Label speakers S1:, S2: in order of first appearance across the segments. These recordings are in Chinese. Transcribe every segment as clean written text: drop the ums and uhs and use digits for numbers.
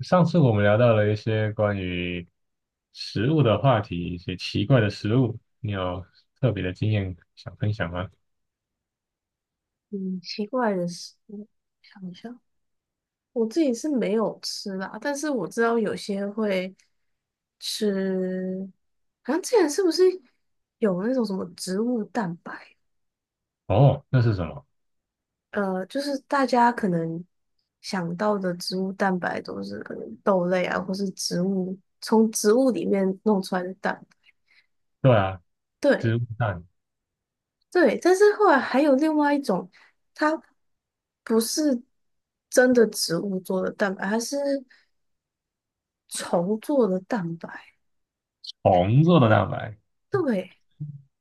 S1: 上次我们聊到了一些关于食物的话题，一些奇怪的食物，你有特别的经验想分享吗？
S2: 嗯，奇怪的食物，想想，我自己是没有吃啦，但是我知道有些会吃，好像之前是不是有那种什么植物蛋白？
S1: 哦，那是什么？
S2: 就是大家可能想到的植物蛋白都是可能豆类啊，或是植物从植物里面弄出来的蛋白。
S1: 对啊，
S2: 对
S1: 植物蛋，
S2: 对，但是后来还有另外一种，它不是真的植物做的蛋白，它是。重做的蛋白，
S1: 虫做的蛋白，
S2: 对。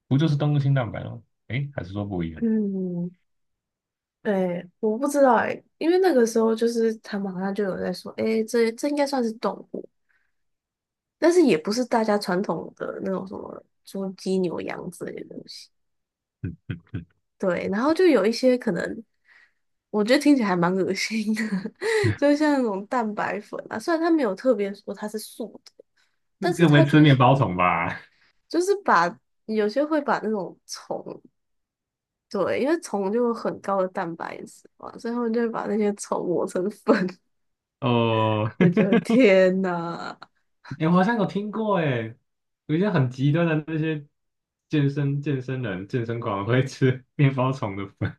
S1: 不就是动物性蛋白吗？诶，还是说不一样？
S2: 嗯，对，我不知道哎、因为那个时候就是他们好像就有在说，哎、这应该算是动物，但是也不是大家传统的那种什么猪、鸡、牛、羊之类的东西。
S1: 嗯嗯
S2: 对，然后就有一些可能，我觉得听起来还蛮恶心的。就像那种蛋白粉啊，虽然它没有特别说它是素的，但
S1: 嗯，
S2: 是
S1: 更没
S2: 它
S1: 吃
S2: 就
S1: 面
S2: 是
S1: 包虫吧？
S2: 就是把有些会把那种虫。对，因为虫就有很高的蛋白质嘛，所以他们就会把那些虫磨成粉。
S1: 哦，
S2: 我觉得天呐。
S1: 诶，我好像有听过，诶，有一些很极端的那些健身人、健身狂会吃面包虫的粉，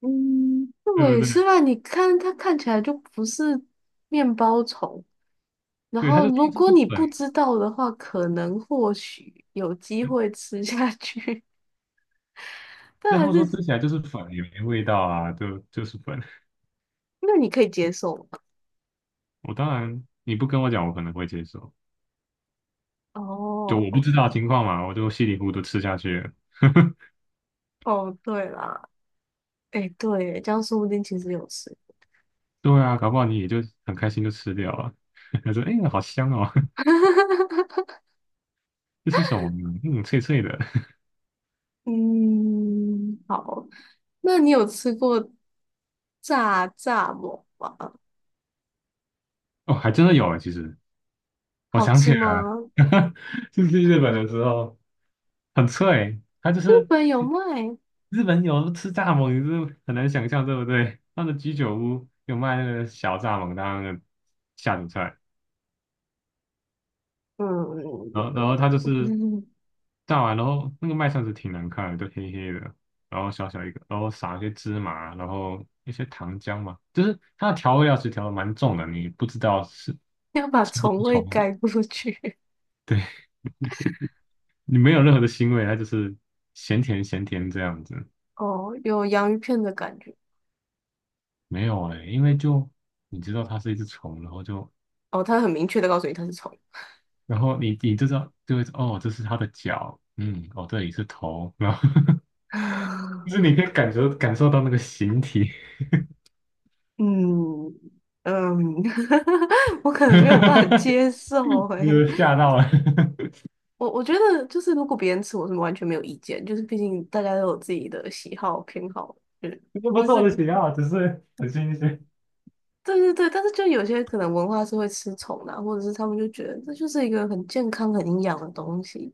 S2: 嗯，
S1: 对
S2: 对，
S1: 不
S2: 是
S1: 对？
S2: 吧？你看它看起来就不是面包虫，然
S1: 对，它
S2: 后
S1: 就
S2: 如
S1: 天就
S2: 果
S1: 是
S2: 你不
S1: 粉。
S2: 知道的话，可能或许有机会吃下去。但
S1: 对他
S2: 还
S1: 们说
S2: 是
S1: 吃起来就是粉，也没味道啊，就是粉。
S2: 那你可以接受吗？
S1: 我当然你不跟我讲，我可能会接受。就
S2: 哦
S1: 我不知道情况嘛，我就稀里糊涂吃下去了。
S2: 哦，对啦，哎，对耶，这样说不定其实有吃。
S1: 对啊，搞不好你也就很开心就吃掉了。他说："哎、好香哦，这是什么呢嗯，脆脆的。
S2: 嗯，好，那你有吃过炸馍吗？
S1: 哦，还真的有哎。其实我
S2: 好
S1: 想
S2: 吃
S1: 起来了，
S2: 吗？
S1: 就是去日本的时候很脆。它就
S2: 日
S1: 是
S2: 本有卖。
S1: 日本有吃蚱蜢，你是很难想象，对不对？那个居酒屋有卖那个小蚱蜢当那个下酒菜。
S2: 嗯，
S1: 然后然 后它就是
S2: 嗯
S1: 炸完，然后那个麦算是挺难看的，就黑黑的，然后小小一个，然后撒一些芝麻，然后一些糖浆嘛，就是它的调味料其实调的蛮重的，你不知道是
S2: 要把
S1: 吃不
S2: 虫
S1: 出
S2: 味
S1: 虫味，
S2: 盖过去。
S1: 你没有任何的腥味，它就是咸甜咸甜这样子，
S2: 哦，有洋芋片的感觉。
S1: 没有哎、因为就你知道它是一只虫，然后就
S2: 哦，它很明确的告诉你它是虫。
S1: 然后你就知道就会哦，这是它的脚，嗯，哦这里是头，然后 就是你可以感受到那个形体。
S2: 嗯嗯，我可 能
S1: 哈
S2: 没有办法
S1: 哈
S2: 接受诶。
S1: 吓到了，
S2: 我觉得就是如果别人吃，我是完全没有意见，就是毕竟大家都有自己的喜好偏好，嗯。
S1: 这不
S2: 那
S1: 是我
S2: 是
S1: 的喜好，只是很新鲜。
S2: 对对对，但是就有些可能文化是会吃虫的啊，或者是他们就觉得这就是一个很健康、很营养的东西，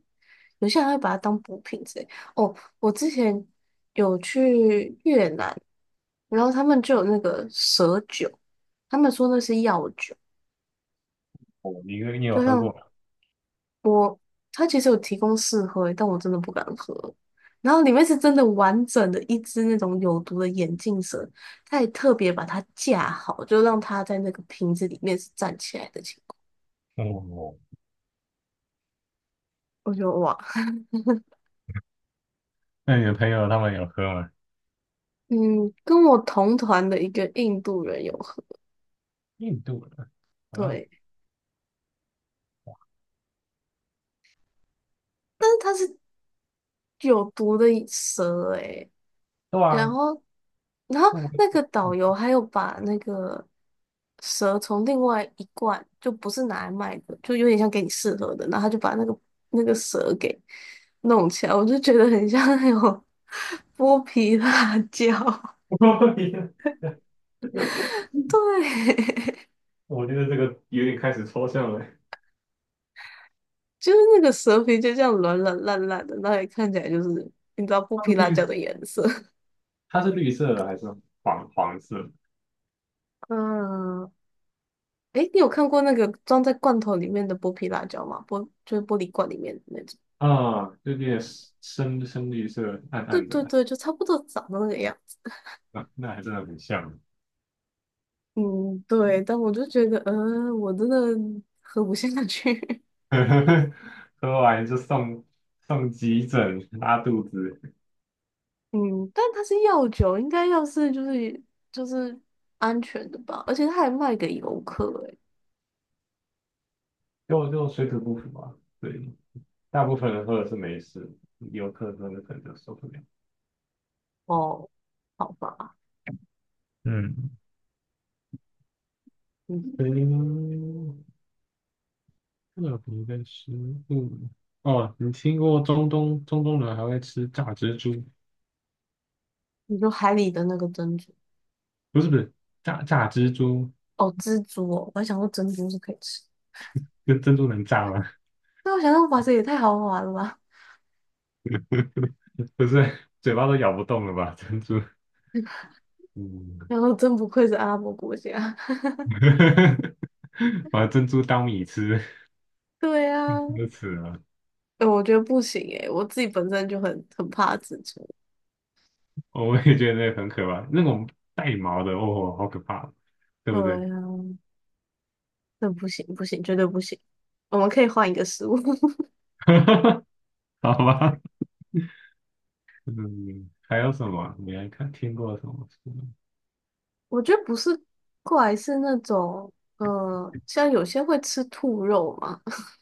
S2: 有些人还会把它当补品之类。哦，我之前有去越南，然后他们就有那个蛇酒，他们说那是药酒，
S1: 哦，你你有
S2: 就
S1: 喝
S2: 像
S1: 过吗？
S2: 我，他其实有提供试喝，但我真的不敢喝。然后里面是真的完整的一只那种有毒的眼镜蛇，他也特别把它架好，就让它在那个瓶子里面是站起来的情。
S1: 哦，
S2: 我就哇，
S1: 那你的朋友他们有喝吗？
S2: 嗯，跟我同团的一个印度人有合，
S1: 印度的啊，
S2: 对，但是他是有毒的蛇诶，
S1: 对
S2: 然
S1: 啊，
S2: 后，然后
S1: 那我
S2: 那个导游还有把那个蛇从另外一罐，就不是拿来卖的，就有点像给你试喝的，然后他就把那个那个蛇弄起来，我就觉得很像那种 剥皮辣椒，对。
S1: 我觉得这个有点开始抽象了。
S2: 就是那个蛇皮就这样软软烂烂的，那也看起来就是你知道剥
S1: 它
S2: 皮
S1: 是
S2: 辣椒
S1: 绿，
S2: 的颜色。
S1: 它是绿色的还是黄黄色
S2: 嗯，诶，你有看过那个装在罐头里面的剥皮辣椒吗？就是玻璃罐里面的那种。
S1: 啊，就有点深深绿色，暗
S2: 对
S1: 暗的，
S2: 对对，就差不多长得那个样子。
S1: 那那还真的很像。
S2: 嗯，对，但我就觉得，嗯，我真的喝不下去。
S1: 喝完就送急诊拉肚子，
S2: 嗯，但它是药酒，应该要是就是安全的吧，而且它还卖给游客、欸诶。
S1: 就水土不服啊。对，大部分人喝的是没事，游客喝的可能就受不了。
S2: 哦，好吧，
S1: 嗯，嗯，特别的食物哦，你听过中东人还会吃炸蜘蛛？
S2: 你说海里的那个珍珠。
S1: 不是不是，炸蜘蛛
S2: 哦，蜘蛛哦，我还想说珍珠是可以吃，
S1: 跟珍珠能炸吗？
S2: 那我想说哇塞，也太豪华了吧！
S1: 不是，嘴巴都咬不动了吧？珍珠，嗯，
S2: 然后真不愧是阿拉伯国家。
S1: 把珍珠当米吃。
S2: 对啊，
S1: 都死了，
S2: 哎、我觉得不行哎、我自己本身就很怕蜘蛛。
S1: 我也觉得那个很可怕，那种带毛的，哦，好可怕，对
S2: 对
S1: 不对？
S2: 啊，那不行不行，绝对不行。我们可以换一个食物。
S1: 好吧，嗯，还有什么啊你还看听过什么书
S2: 我觉得不是怪，是那种嗯，像有些会吃兔肉嘛。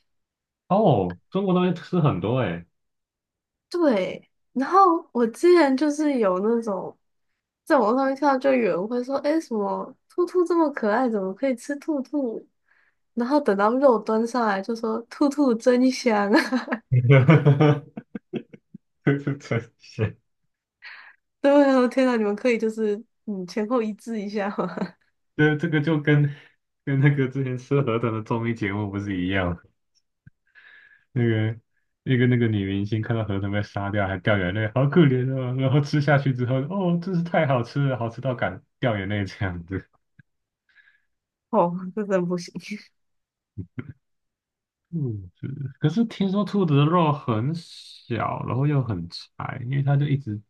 S1: 哦，中国东西吃很多哎、
S2: 对，然后我之前就是有那种在网上面看到，就有人会说，哎，什么兔兔这么可爱，怎么可以吃兔兔？然后等到肉端上来就说“兔兔真香啊”。
S1: 欸，这是真是，
S2: 对，我天呐，你们可以就是嗯前后一致一下吗？
S1: 这个就跟那个之前吃河豚的综艺节目不是一样？那个那个那个女明星看到河豚被杀掉还掉眼泪，好可怜哦，然后吃下去之后，哦，真是太好吃了，好吃到敢掉眼泪这样子。
S2: 哦，这真不行。
S1: 兔子，可是听说兔子的肉很小，然后又很柴，因为它就一直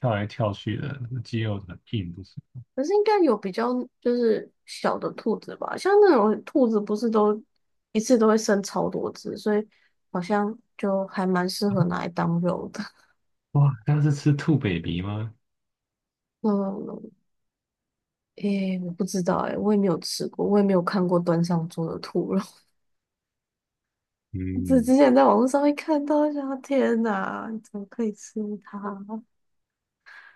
S1: 跳来跳去的，肌肉很硬，不是？
S2: 可是应该有比较就是小的兔子吧，像那种兔子不是都一次都会生超多只，所以好像就还蛮适合拿来当肉的。
S1: 哇，它是吃兔 baby 吗？
S2: 嗯，诶，我不知道诶，我也没有吃过，我也没有看过端上桌的兔肉。只
S1: 嗯，
S2: 之前在网络上会看到，想天呐，你怎么可以吃它？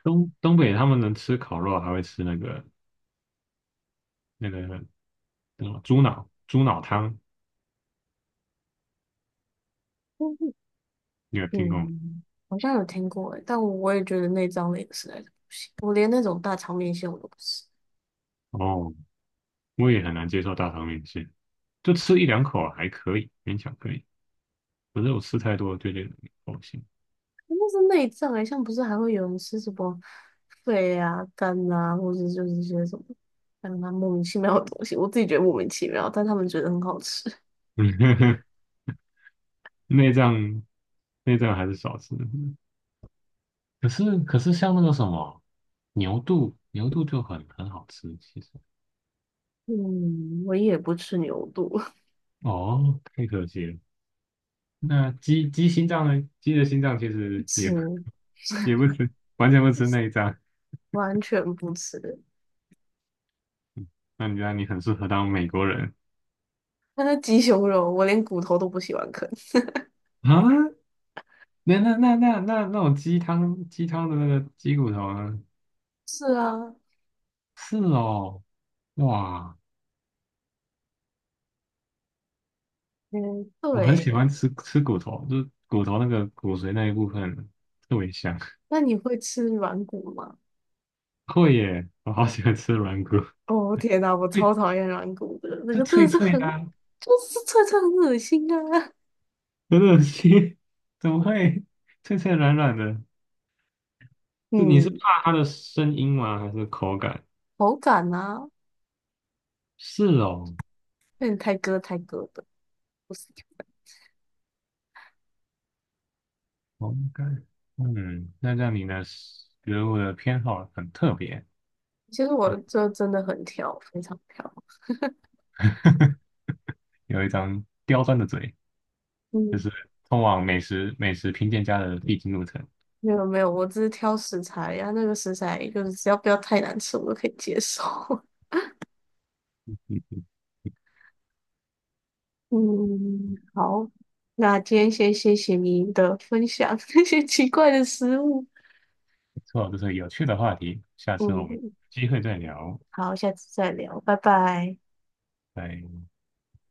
S1: 东东北他们能吃烤肉，还会吃那个那个那个猪脑汤，你有听过吗？
S2: 嗯，好像有听过诶，但我也觉得内脏类的实在是，我连那种大肠面线我都不吃，
S1: 哦，我也很难接受大肠面线，就吃一两口还可以，勉强可以。可是我吃太多就觉得恶心，
S2: 那是内脏诶，像不是还会有人吃什么肺啊、肝啊，或者就是一些什么，让他莫名其妙的东西，我自己觉得莫名其妙，但他们觉得很好吃。
S1: 内脏内脏还是少吃。可是像那个什么牛肚，牛肚就很很好吃，其实
S2: 嗯，我也不吃牛肚。
S1: 哦，太可惜了。那鸡心脏呢？鸡的心脏其
S2: 不
S1: 实
S2: 吃，
S1: 也不也不吃，完全不
S2: 不
S1: 吃
S2: 吃
S1: 内脏。
S2: 完全不吃。
S1: 嗯那你觉得你很适合当美国人
S2: 那是鸡胸肉，我连骨头都不喜欢啃。
S1: 啊？那种鸡汤的那个鸡骨头呢？
S2: 是啊，
S1: 是哦，哇，
S2: 嗯，对
S1: 我很喜
S2: 欸。
S1: 欢吃骨头，就是骨头那个骨髓那一部分特别香。
S2: 那你会吃软骨吗？
S1: 会耶，我好喜欢吃软骨。
S2: 哦天哪，我
S1: 脆，
S2: 超讨厌软骨的，那
S1: 就
S2: 个真
S1: 脆
S2: 的是
S1: 脆
S2: 很，
S1: 的啊
S2: 就是脆脆很恶心啊。
S1: 很恶心，怎么会脆脆软软的？就你是
S2: 嗯，
S1: 怕它的声音吗？还是口感？
S2: 口感啊，
S1: 是哦，
S2: 有点太割的。
S1: 口感。嗯，那让你的食物的偏好很特别，
S2: 其实我这真的很挑，非常挑。
S1: 有一张刁钻的嘴，就
S2: 嗯，
S1: 是通往美食评鉴家的必经路程。
S2: 没有没有，我只是挑食材呀、那个食材就是只要不要太难吃，我都可以接受。
S1: 嗯，
S2: 嗯，好，那今天先谢谢你的分享，那些奇怪的食物。
S1: 不错，这是有趣的话题，下次我们有
S2: 嗯，
S1: 机会再聊，
S2: 好，下次再聊，拜拜。
S1: 拜。